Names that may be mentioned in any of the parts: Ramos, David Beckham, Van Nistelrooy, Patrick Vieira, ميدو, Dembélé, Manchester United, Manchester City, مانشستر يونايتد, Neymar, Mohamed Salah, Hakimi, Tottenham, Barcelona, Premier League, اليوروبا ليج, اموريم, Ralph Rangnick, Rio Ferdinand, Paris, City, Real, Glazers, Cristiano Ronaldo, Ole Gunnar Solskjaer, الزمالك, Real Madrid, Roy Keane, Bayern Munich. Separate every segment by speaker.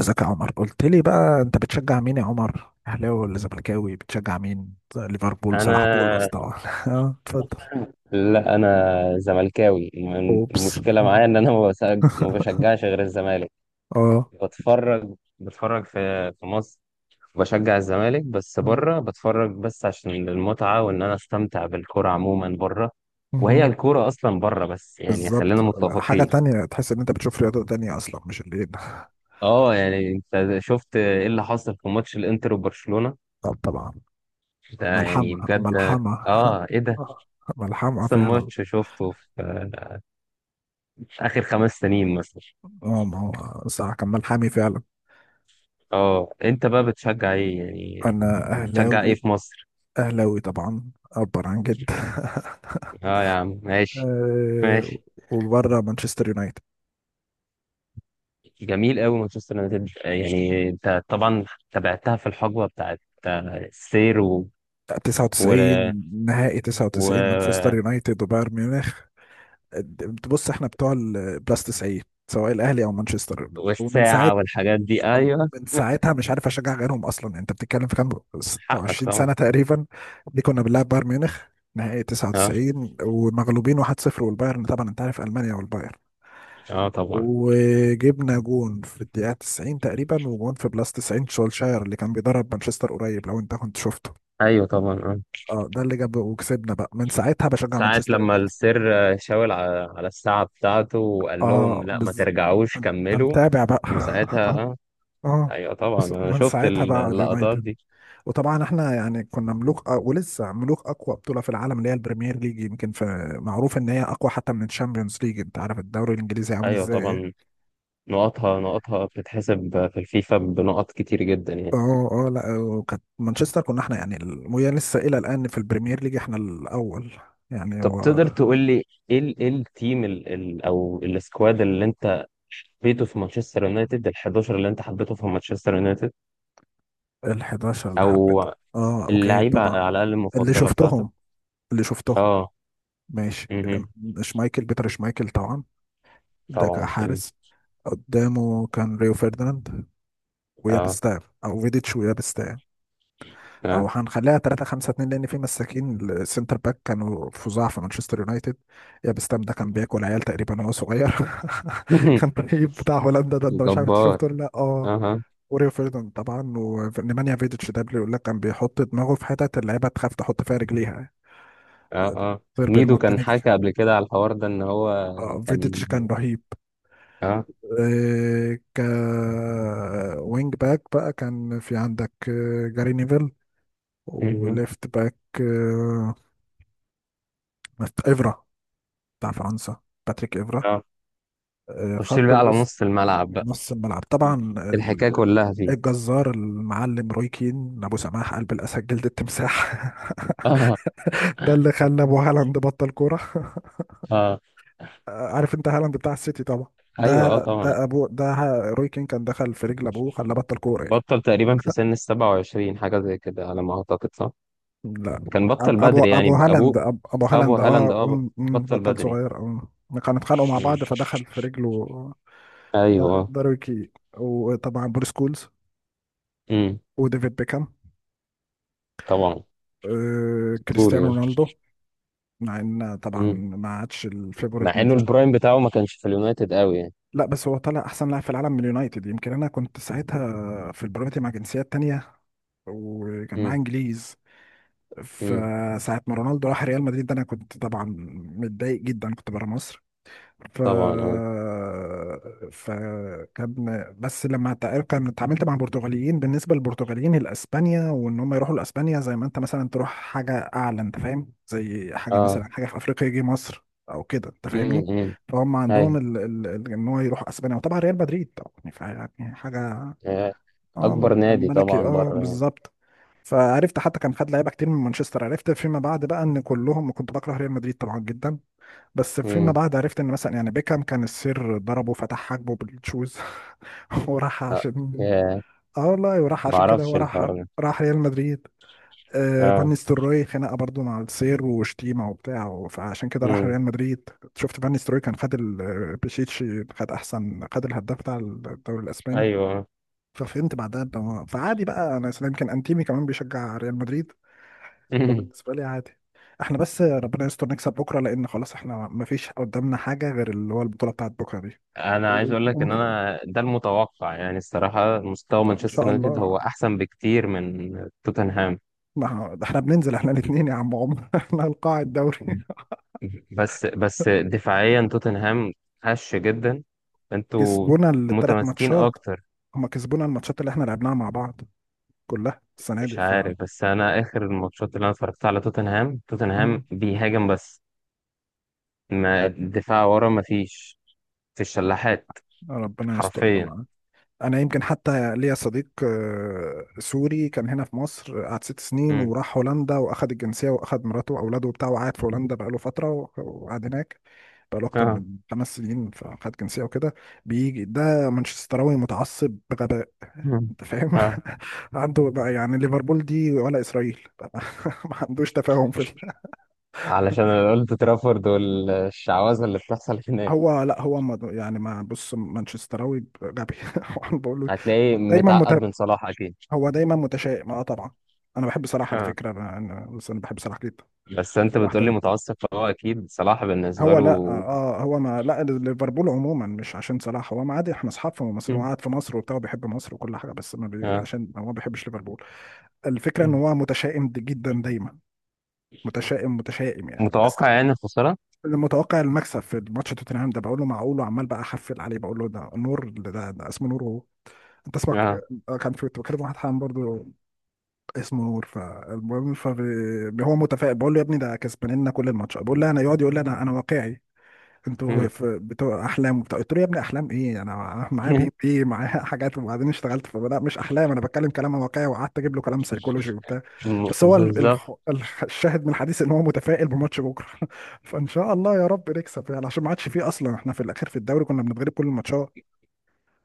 Speaker 1: ازيك يا عمر؟ قلت لي بقى انت بتشجع مين يا عمر، اهلاوي ولا زملكاوي؟ بتشجع مين؟ ليفربول؟ صلاح؟ بول
Speaker 2: انا
Speaker 1: اصلا. اه اتفضل.
Speaker 2: لا انا زملكاوي. الم-
Speaker 1: اوبس.
Speaker 2: المشكله
Speaker 1: مم.
Speaker 2: معايا ان انا ما بشجعش غير الزمالك.
Speaker 1: اه.
Speaker 2: بتفرج في مصر، بشجع الزمالك بس
Speaker 1: مم.
Speaker 2: بره، بتفرج بس عشان المتعه وان انا استمتع بالكره عموما بره، وهي
Speaker 1: مهم.
Speaker 2: الكوره اصلا بره. بس يعني خلينا
Speaker 1: بالظبط. لا، حاجة
Speaker 2: متفقين.
Speaker 1: تانية تحس ان انت بتشوف رياضة تانية اصلا مش اللي هنا.
Speaker 2: اه، يعني انت شفت ايه اللي حصل في ماتش الانتر وبرشلونه؟
Speaker 1: طب طبعا.
Speaker 2: ده يعني
Speaker 1: ملحمة
Speaker 2: بجد.
Speaker 1: ملحمة.
Speaker 2: اه، ايه ده!
Speaker 1: آه، ملحمة
Speaker 2: احسن
Speaker 1: فعلا.
Speaker 2: ماتش شفته في اخر 5 سنين مثلا.
Speaker 1: اه ما هو صح، كان ملحمي فعلا.
Speaker 2: اه، انت بقى بتشجع ايه يعني؟
Speaker 1: انا
Speaker 2: بتشجع ايه
Speaker 1: اهلاوي.
Speaker 2: في مصر؟
Speaker 1: اهلاوي طبعا، اكبر عن جد.
Speaker 2: اه يا عم، ماشي
Speaker 1: آه،
Speaker 2: ماشي.
Speaker 1: وبره مانشستر يونايتد.
Speaker 2: جميل قوي مانشستر يونايتد. يعني انت طبعا تابعتها في الحقبه بتاعت السير و...
Speaker 1: 99، نهائي 99
Speaker 2: و...
Speaker 1: مانشستر يونايتد وبايرن ميونخ. بص احنا بتوع البلاس 90، سواء الاهلي او مانشستر. ومن ساعه،
Speaker 2: والساعه والحاجات دي. ايوه،
Speaker 1: من ساعتها مش عارف اشجع غيرهم اصلا. انت بتتكلم في كام؟
Speaker 2: حقك
Speaker 1: 26
Speaker 2: طبعا.
Speaker 1: سنه تقريبا. دي كنا بنلعب بايرن ميونخ نهائي
Speaker 2: اه
Speaker 1: 99 ومغلوبين 1-0. والبايرن طبعا انت عارف، المانيا والبايرن.
Speaker 2: اه طبعا،
Speaker 1: وجبنا جون في الدقيقه 90 تقريبا، وجون في بلاس 90 شولشاير اللي كان بيدرب مانشستر قريب، لو انت كنت شفته.
Speaker 2: ايوه طبعا، اه.
Speaker 1: اه، ده اللي جاب وكسبنا. بقى من ساعتها بشجع
Speaker 2: ساعة
Speaker 1: مانشستر
Speaker 2: لما
Speaker 1: يونايتد.
Speaker 2: السير شاور على الساعة بتاعته وقال لهم
Speaker 1: اه
Speaker 2: لا، ما
Speaker 1: بز،
Speaker 2: ترجعوش
Speaker 1: انت
Speaker 2: كملوا.
Speaker 1: متابع بقى.
Speaker 2: وساعتها اه،
Speaker 1: اه.
Speaker 2: ايوه طبعا.
Speaker 1: بس
Speaker 2: انا
Speaker 1: من
Speaker 2: شفت
Speaker 1: ساعتها بقى
Speaker 2: اللقطات
Speaker 1: اليونايتد.
Speaker 2: دي.
Speaker 1: وطبعا احنا يعني كنا ملوك، آه ولسه ملوك اقوى بطوله في العالم اللي هي البريمير ليج. يمكن في معروف ان هي اقوى حتى من الشامبيونز ليج. انت عارف الدوري الانجليزي عامل
Speaker 2: ايوه
Speaker 1: ازاي؟
Speaker 2: طبعا.
Speaker 1: ايه
Speaker 2: نقطها نقطها بتتحسب في الفيفا بنقط كتير جدا يعني.
Speaker 1: اه اه، لا وكانت مانشستر كنا احنا يعني وهي لسه الى الان في البريمير ليج احنا الاول يعني
Speaker 2: طب
Speaker 1: هو.
Speaker 2: تقدر تقول لي ايه إيه التيم ال او السكواد اللي انت حبيته في مانشستر يونايتد؟ ال 11 اللي انت حبيته في مانشستر يونايتد،
Speaker 1: ال 11 اللي
Speaker 2: او
Speaker 1: حبيته، اه اوكي
Speaker 2: اللعيبه
Speaker 1: طبعا.
Speaker 2: على الاقل
Speaker 1: اللي
Speaker 2: المفضله بتاعتك.
Speaker 1: شفتهم اللي شفتهم.
Speaker 2: اه.
Speaker 1: ماشي.
Speaker 2: مهم.
Speaker 1: شمايكل، بيتر شمايكل طبعا، ده
Speaker 2: طبعا. مم.
Speaker 1: كحارس. قدامه كان ريو فيرديناند
Speaker 2: اه
Speaker 1: ويابستاع، او فيديتش ويابستاع، او
Speaker 2: اه.
Speaker 1: هنخليها 3 5 2 لان في مساكين السنتر باك كانوا فظاع في مانشستر يونايتد. يابستام ده كان بياكل عيال تقريبا وهو صغير. كان رهيب بتاع هولندا ده، انت مش عارف أنت
Speaker 2: جبار.
Speaker 1: شفته ولا لا؟ اه.
Speaker 2: اها.
Speaker 1: وريو فيرديناند طبعا ونيمانيا فيديتش، ده بيقول لك كان بيحط دماغه في حتت اللعيبه تخاف تحط فيها رجليها،
Speaker 2: اه اه.
Speaker 1: غير
Speaker 2: ميدو كان
Speaker 1: بالمونتينيجر.
Speaker 2: حكى قبل كده على الحوار ده ان هو
Speaker 1: اه
Speaker 2: كان
Speaker 1: فيديتش كان رهيب.
Speaker 2: اه
Speaker 1: إيه، ك وينج باك بقى كان في عندك جاري نيفل.
Speaker 2: مهم.
Speaker 1: وليفت باك آه، إفرا، بتاع فرنسا، باتريك إفرا.
Speaker 2: اه. خش لي
Speaker 1: خط
Speaker 2: بقى على
Speaker 1: الوسط.
Speaker 2: نص الملعب،
Speaker 1: نص الملعب طبعا،
Speaker 2: الحكاية كلها فيه.
Speaker 1: الجزار المعلم روي كين، ابو سماح قلب الاسد جلد التمساح.
Speaker 2: اه
Speaker 1: ده اللي خلى ابو هالاند بطل كوره.
Speaker 2: اه.
Speaker 1: عارف انت هالاند بتاع السيتي طبعا،
Speaker 2: ايوه
Speaker 1: ده،
Speaker 2: اه طبعا.
Speaker 1: ده ابو، روي كين كان دخل في رجل ابوه خلاه بطل كوره.
Speaker 2: بطل تقريبا في سن ال 27، حاجة زي كده على ما اعتقد، صح؟
Speaker 1: لا،
Speaker 2: كان
Speaker 1: أب-
Speaker 2: بطل
Speaker 1: ابو
Speaker 2: بدري
Speaker 1: ابو
Speaker 2: يعني ابوه.
Speaker 1: هالاند، ابو
Speaker 2: ابو
Speaker 1: هالاند
Speaker 2: هالاند
Speaker 1: اه،
Speaker 2: اه،
Speaker 1: أم- أم،
Speaker 2: بطل
Speaker 1: بطل
Speaker 2: بدري.
Speaker 1: صغير اه. كانوا اتخانقوا مع
Speaker 2: مم.
Speaker 1: بعض فدخل في رجله. ده
Speaker 2: ايوه.
Speaker 1: داروي كي. وطبعا بوريس كولز
Speaker 2: امم.
Speaker 1: وديفيد بيكهام.
Speaker 2: طبعا.
Speaker 1: آه
Speaker 2: اسطوري
Speaker 1: كريستيانو
Speaker 2: ده.
Speaker 1: رونالدو، مع ان طبعا
Speaker 2: مم.
Speaker 1: ما عادش الفيفوريت
Speaker 2: مع
Speaker 1: من
Speaker 2: انه
Speaker 1: ساعه.
Speaker 2: البرايم بتاعه ما كانش في اليونايتد قوي يعني.
Speaker 1: لا بس هو طلع احسن لاعب في العالم من اليونايتد، يمكن انا كنت ساعتها في البرامتي مع جنسيات تانية وكان معاه
Speaker 2: امم
Speaker 1: انجليز.
Speaker 2: امم.
Speaker 1: فساعة ما رونالدو راح ريال مدريد، ده انا كنت طبعا متضايق جدا، كنت بره مصر. ف
Speaker 2: طبعا. اه
Speaker 1: فكان بس لما تع- كان اتعاملت مع البرتغاليين، بالنسبه للبرتغاليين الاسبانيا، وان هم يروحوا لاسبانيا زي ما انت مثلا تروح حاجه اعلى، انت فاهم؟ زي حاجه
Speaker 2: اه.
Speaker 1: مثلا، حاجه في افريقيا يجي مصر او كده، انت فاهمني؟
Speaker 2: امم.
Speaker 1: فهم عندهم
Speaker 2: ايوه.
Speaker 1: ان هو يروح اسبانيا وطبعا ريال مدريد طبعا، فيعني حاجه.
Speaker 2: آه.
Speaker 1: اه
Speaker 2: اكبر
Speaker 1: من
Speaker 2: نادي
Speaker 1: الملكي
Speaker 2: طبعا
Speaker 1: اه
Speaker 2: بره يعني.
Speaker 1: بالظبط. فعرفت حتى كان خد لعيبه كتير من مانشستر. عرفت فيما بعد بقى ان كلهم، كنت بكره ريال مدريد طبعا جدا. بس فيما
Speaker 2: امم.
Speaker 1: بعد عرفت ان مثلا يعني بيكهام كان السير ضربه فتح حاجبه بالشوز. وراح
Speaker 2: آه.
Speaker 1: عشان،
Speaker 2: آه.
Speaker 1: اه والله وراح
Speaker 2: ما
Speaker 1: عشان كده
Speaker 2: اعرفش
Speaker 1: هو راح،
Speaker 2: الحوار ده.
Speaker 1: راح ريال مدريد. آه فان
Speaker 2: اه.
Speaker 1: نيستلروي خناقه برضو مع السير وشتيمه وبتاع فعشان كده راح
Speaker 2: امم.
Speaker 1: ريال مدريد. شفت فان نيستلروي كان خد بيشيتشي، خد احسن، خد الهداف بتاع الدوري الاسباني.
Speaker 2: ايوه.
Speaker 1: ففهمت بعدها فعادي بقى. انا أصلاً يمكن انتيمي كمان بيشجع ريال مدريد. فبالنسبة لي عادي. احنا بس ربنا يستر نكسب بكرة لأن خلاص احنا مفيش قدامنا حاجة غير اللي هو البطولة بتاعت بكرة دي.
Speaker 2: انا عايز
Speaker 1: و-
Speaker 2: اقول لك ان
Speaker 1: و-
Speaker 2: انا ده المتوقع، يعني الصراحه مستوى
Speaker 1: إن
Speaker 2: مانشستر
Speaker 1: شاء
Speaker 2: يونايتد
Speaker 1: الله.
Speaker 2: هو احسن بكتير من توتنهام.
Speaker 1: ما ه- ده احنا بننزل احنا الاتنين يا عم عمر، احنا القاع الدوري.
Speaker 2: بس دفاعيا توتنهام هش جدا. انتوا
Speaker 1: كسبونا الثلاث
Speaker 2: متماسكين
Speaker 1: ماتشات
Speaker 2: اكتر.
Speaker 1: هما كسبونا الماتشات اللي احنا لعبناها مع بعض كلها السنة
Speaker 2: مش
Speaker 1: دي.
Speaker 2: عارف، بس انا اخر الماتشات اللي انا اتفرجت على توتنهام
Speaker 1: مم.
Speaker 2: بيهاجم بس، ما الدفاع ورا ما فيش. في الشلاحات
Speaker 1: ربنا يستر.
Speaker 2: حرفيا.
Speaker 1: انا يمكن حتى ليا صديق سوري كان هنا في مصر، قعد 6 سنين
Speaker 2: مم.
Speaker 1: وراح هولندا واخد الجنسيه واخد مراته واولاده وبتاعه وقعد في هولندا بقاله فتره وقعد هناك بقاله اكتر
Speaker 2: اه.
Speaker 1: من 5 سنين فخد جنسيه وكده. بيجي ده مانشستراوي متعصب بغباء،
Speaker 2: مم.
Speaker 1: انت فاهم؟
Speaker 2: اه.
Speaker 1: عنده بقى يعني ليفربول دي ولا اسرائيل. ما عندوش تفاهم في
Speaker 2: علشان انا قلت ترافورد والشعوذه اللي بتحصل هناك.
Speaker 1: هو لا هو يعني ما بص مانشستراوي غبي. وأنا بقول له
Speaker 2: هتلاقيه
Speaker 1: دايما.
Speaker 2: متعقد من صلاح اكيد.
Speaker 1: هو دايما متشائم اه طبعا. انا بحب صلاح على
Speaker 2: ها.
Speaker 1: فكره، بس انا بحب صلاح جدا.
Speaker 2: بس انت
Speaker 1: هو
Speaker 2: بتقولي
Speaker 1: احترم،
Speaker 2: متعصب، فهو اكيد صلاح بالنسبه
Speaker 1: هو
Speaker 2: له.
Speaker 1: لا اه هو ما لا ليفربول عموما مش عشان صلاح، هو ما عادي احنا اصحاب في مصر وقاعد في مصر وبتاع بيحب مصر وكل حاجه، بس ما بي...
Speaker 2: آه.
Speaker 1: عشان هو ما بيحبش ليفربول. الفكره ان هو متشائم جدا دايما. متشائم متشائم يعني. بس
Speaker 2: متوقع يعني الخساره.
Speaker 1: متوقع المكسب في ماتش توتنهام ده، بقول له معقول وعمال بقى احفل عليه، بقول له ده نور، ده، ده اسمه نور وهو. انت اسمك
Speaker 2: اه.
Speaker 1: كان في كنت بكلم واحد حام برضه اسمه نور، فالمهم هو متفائل، بقول له يا ابني ده كسبان لنا كل الماتش، بقول له انا، يقعد يقول لي انا واقعي. انتوا
Speaker 2: مم.
Speaker 1: بتوع احلام وبتاع، قلت له يا ابني احلام ايه انا معايا بي بي معايا حاجات، وبعدين اشتغلت فلا مش احلام انا بتكلم كلام واقعي، وقعدت اجيب له كلام سيكولوجي وبتاع. بس هو
Speaker 2: بالظبط.
Speaker 1: الشاهد من الحديث ان هو متفائل بماتش بكره. فان شاء الله يا رب نكسب يعني عشان ما عادش فيه اصلا. احنا في الاخر في الدوري كنا بنتغلب كل الماتشات.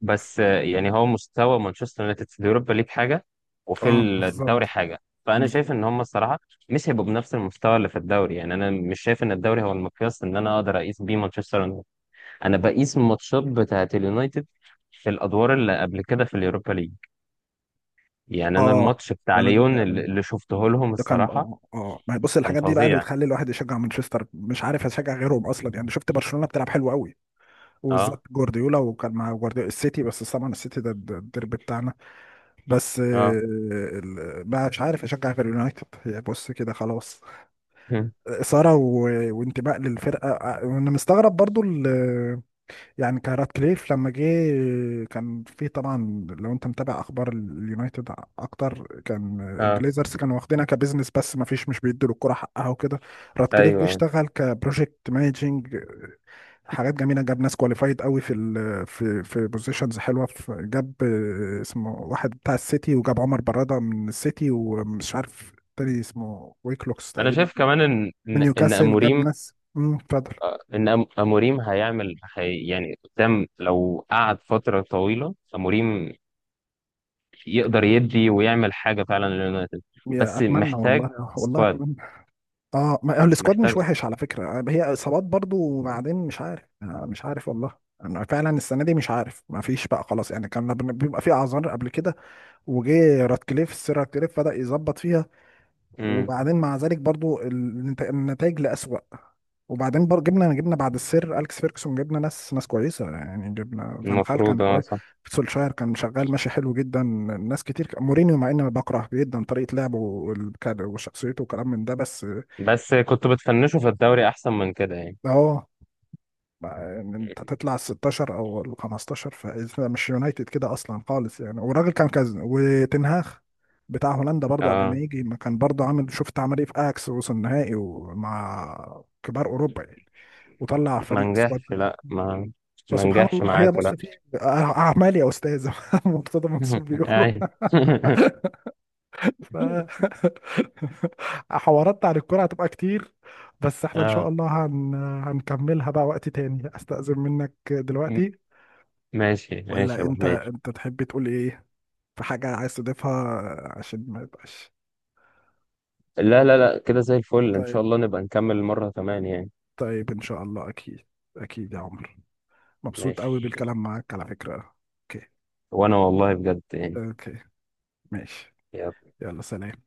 Speaker 2: بس يعني هو مستوى مانشستر يونايتد في اليوروبا ليج حاجه وفي
Speaker 1: اه بالظبط.
Speaker 2: الدوري حاجه. فانا شايف
Speaker 1: بالظبط
Speaker 2: ان هم الصراحه مش هيبقوا بنفس المستوى اللي في الدوري. يعني انا مش شايف ان الدوري هو المقياس ان انا اقدر اقيس بيه مانشستر يونايتد. انا بقيس الماتشات بتاعه اليونايتد في الادوار اللي قبل كده في اليوروبا ليج. يعني انا
Speaker 1: اه.
Speaker 2: الماتش بتاع
Speaker 1: ده انا دي
Speaker 2: ليون اللي
Speaker 1: فعلا،
Speaker 2: اللي شفته لهم
Speaker 1: ده كان
Speaker 2: الصراحه
Speaker 1: اه اه، ما هي بص
Speaker 2: كان
Speaker 1: الحاجات دي بقى اللي
Speaker 2: فظيع.
Speaker 1: بتخلي الواحد يشجع مانشستر مش عارف يشجع غيرهم اصلا يعني. شفت برشلونة بتلعب حلو قوي،
Speaker 2: اه
Speaker 1: وبالذات جوارديولا، وكان مع جوارديولا السيتي، بس طبعا السيتي ده الديربي بتاعنا. بس
Speaker 2: اه.
Speaker 1: بقى مش عارف اشجع غير اليونايتد. هي بص كده خلاص. إثارة وانتماء للفرقة وانا مستغرب برضو يعني. كارات كليف لما جه كان في طبعا، لو انت متابع اخبار اليونايتد اكتر، كان
Speaker 2: اه.
Speaker 1: الجليزرز كانوا واخدينها كبزنس بس ما فيش مش بيدوا الكرة حقها وكده. رات كليف جه
Speaker 2: ايوه.
Speaker 1: اشتغل كبروجكت مانجنج، حاجات جميله، جاب ناس كواليفايد قوي في ال في في بوزيشنز حلوه. جاب اسمه واحد بتاع السيتي، وجاب عمر براده من السيتي ومش عارف تاني اسمه ويكلوكس
Speaker 2: انا
Speaker 1: تقريبا
Speaker 2: شايف كمان ان
Speaker 1: من
Speaker 2: ان إن
Speaker 1: نيوكاسل. جاب
Speaker 2: اموريم،
Speaker 1: ناس. اتفضل.
Speaker 2: اموريم هيعمل هي يعني قدام. لو قعد فتره طويله اموريم يقدر يدي ويعمل حاجه فعلا لليونايتد.
Speaker 1: يا
Speaker 2: بس
Speaker 1: اتمنى
Speaker 2: محتاج
Speaker 1: والله، والله
Speaker 2: سكواد.
Speaker 1: اتمنى. اه ما السكواد مش
Speaker 2: محتاج.
Speaker 1: وحش على فكره هي اصابات برضو، وبعدين مش عارف مش عارف والله. انا فعلا السنه دي مش عارف، ما فيش بقى خلاص يعني، كان بيبقى في اعذار قبل كده. وجه راتكليف، السير راتكليف بدا يظبط فيها،
Speaker 2: امم.
Speaker 1: وبعدين مع ذلك برضو النتائج لأسوأ. وبعدين برضو جبنا بعد السير اليكس فيركسون، جبنا ناس، ناس كويسه يعني. جبنا فان خال كان
Speaker 2: المفروض اه
Speaker 1: كويس.
Speaker 2: صح.
Speaker 1: سولشاير كان شغال ماشي حلو جدا. ناس كتير. مورينيو مع اني بكره جدا طريقه لعبه وشخصيته وكلام من ده، بس
Speaker 2: بس كنت بتفنشوا في الدوري احسن من كده يعني.
Speaker 1: اه ان انت تطلع ال 16 او ال 15 فانت مش يونايتد كده اصلا خالص يعني. والراجل كان كذا وتنهاخ بتاع هولندا برضه، قبل ما
Speaker 2: اه.
Speaker 1: يجي ما كان برضه عامل، شفت عمل ايه في اياكس؟ وصل النهائي ومع كبار اوروبا يعني، وطلع
Speaker 2: ما
Speaker 1: فريق سكواد.
Speaker 2: نجحش، لا، ما
Speaker 1: فسبحان
Speaker 2: نجحش
Speaker 1: الله، هي
Speaker 2: معاكم.
Speaker 1: بص في اعمال يا استاذ. مرتضى منصور بيقولوا.
Speaker 2: اي.
Speaker 1: ف حوارات عن الكرة هتبقى كتير، بس احنا ان شاء
Speaker 2: اه.
Speaker 1: الله هنكملها بقى وقت تاني. استأذن منك
Speaker 2: م-
Speaker 1: دلوقتي.
Speaker 2: ماشي ماشي
Speaker 1: ولا
Speaker 2: يا ابو
Speaker 1: انت،
Speaker 2: حميد.
Speaker 1: انت تحب تقول ايه؟ في حاجة عايز تضيفها عشان ما يبقاش.
Speaker 2: لا لا لا كده زي الفل. ان شاء
Speaker 1: طيب.
Speaker 2: الله نبقى نكمل مرة كمان يعني.
Speaker 1: طيب ان شاء الله اكيد. اكيد يا عمر. مبسوط قوي
Speaker 2: ماشي.
Speaker 1: بالكلام معاك على فكرة. اوكي.
Speaker 2: وانا والله بجد يعني.
Speaker 1: اوكي ماشي. يلا سلام.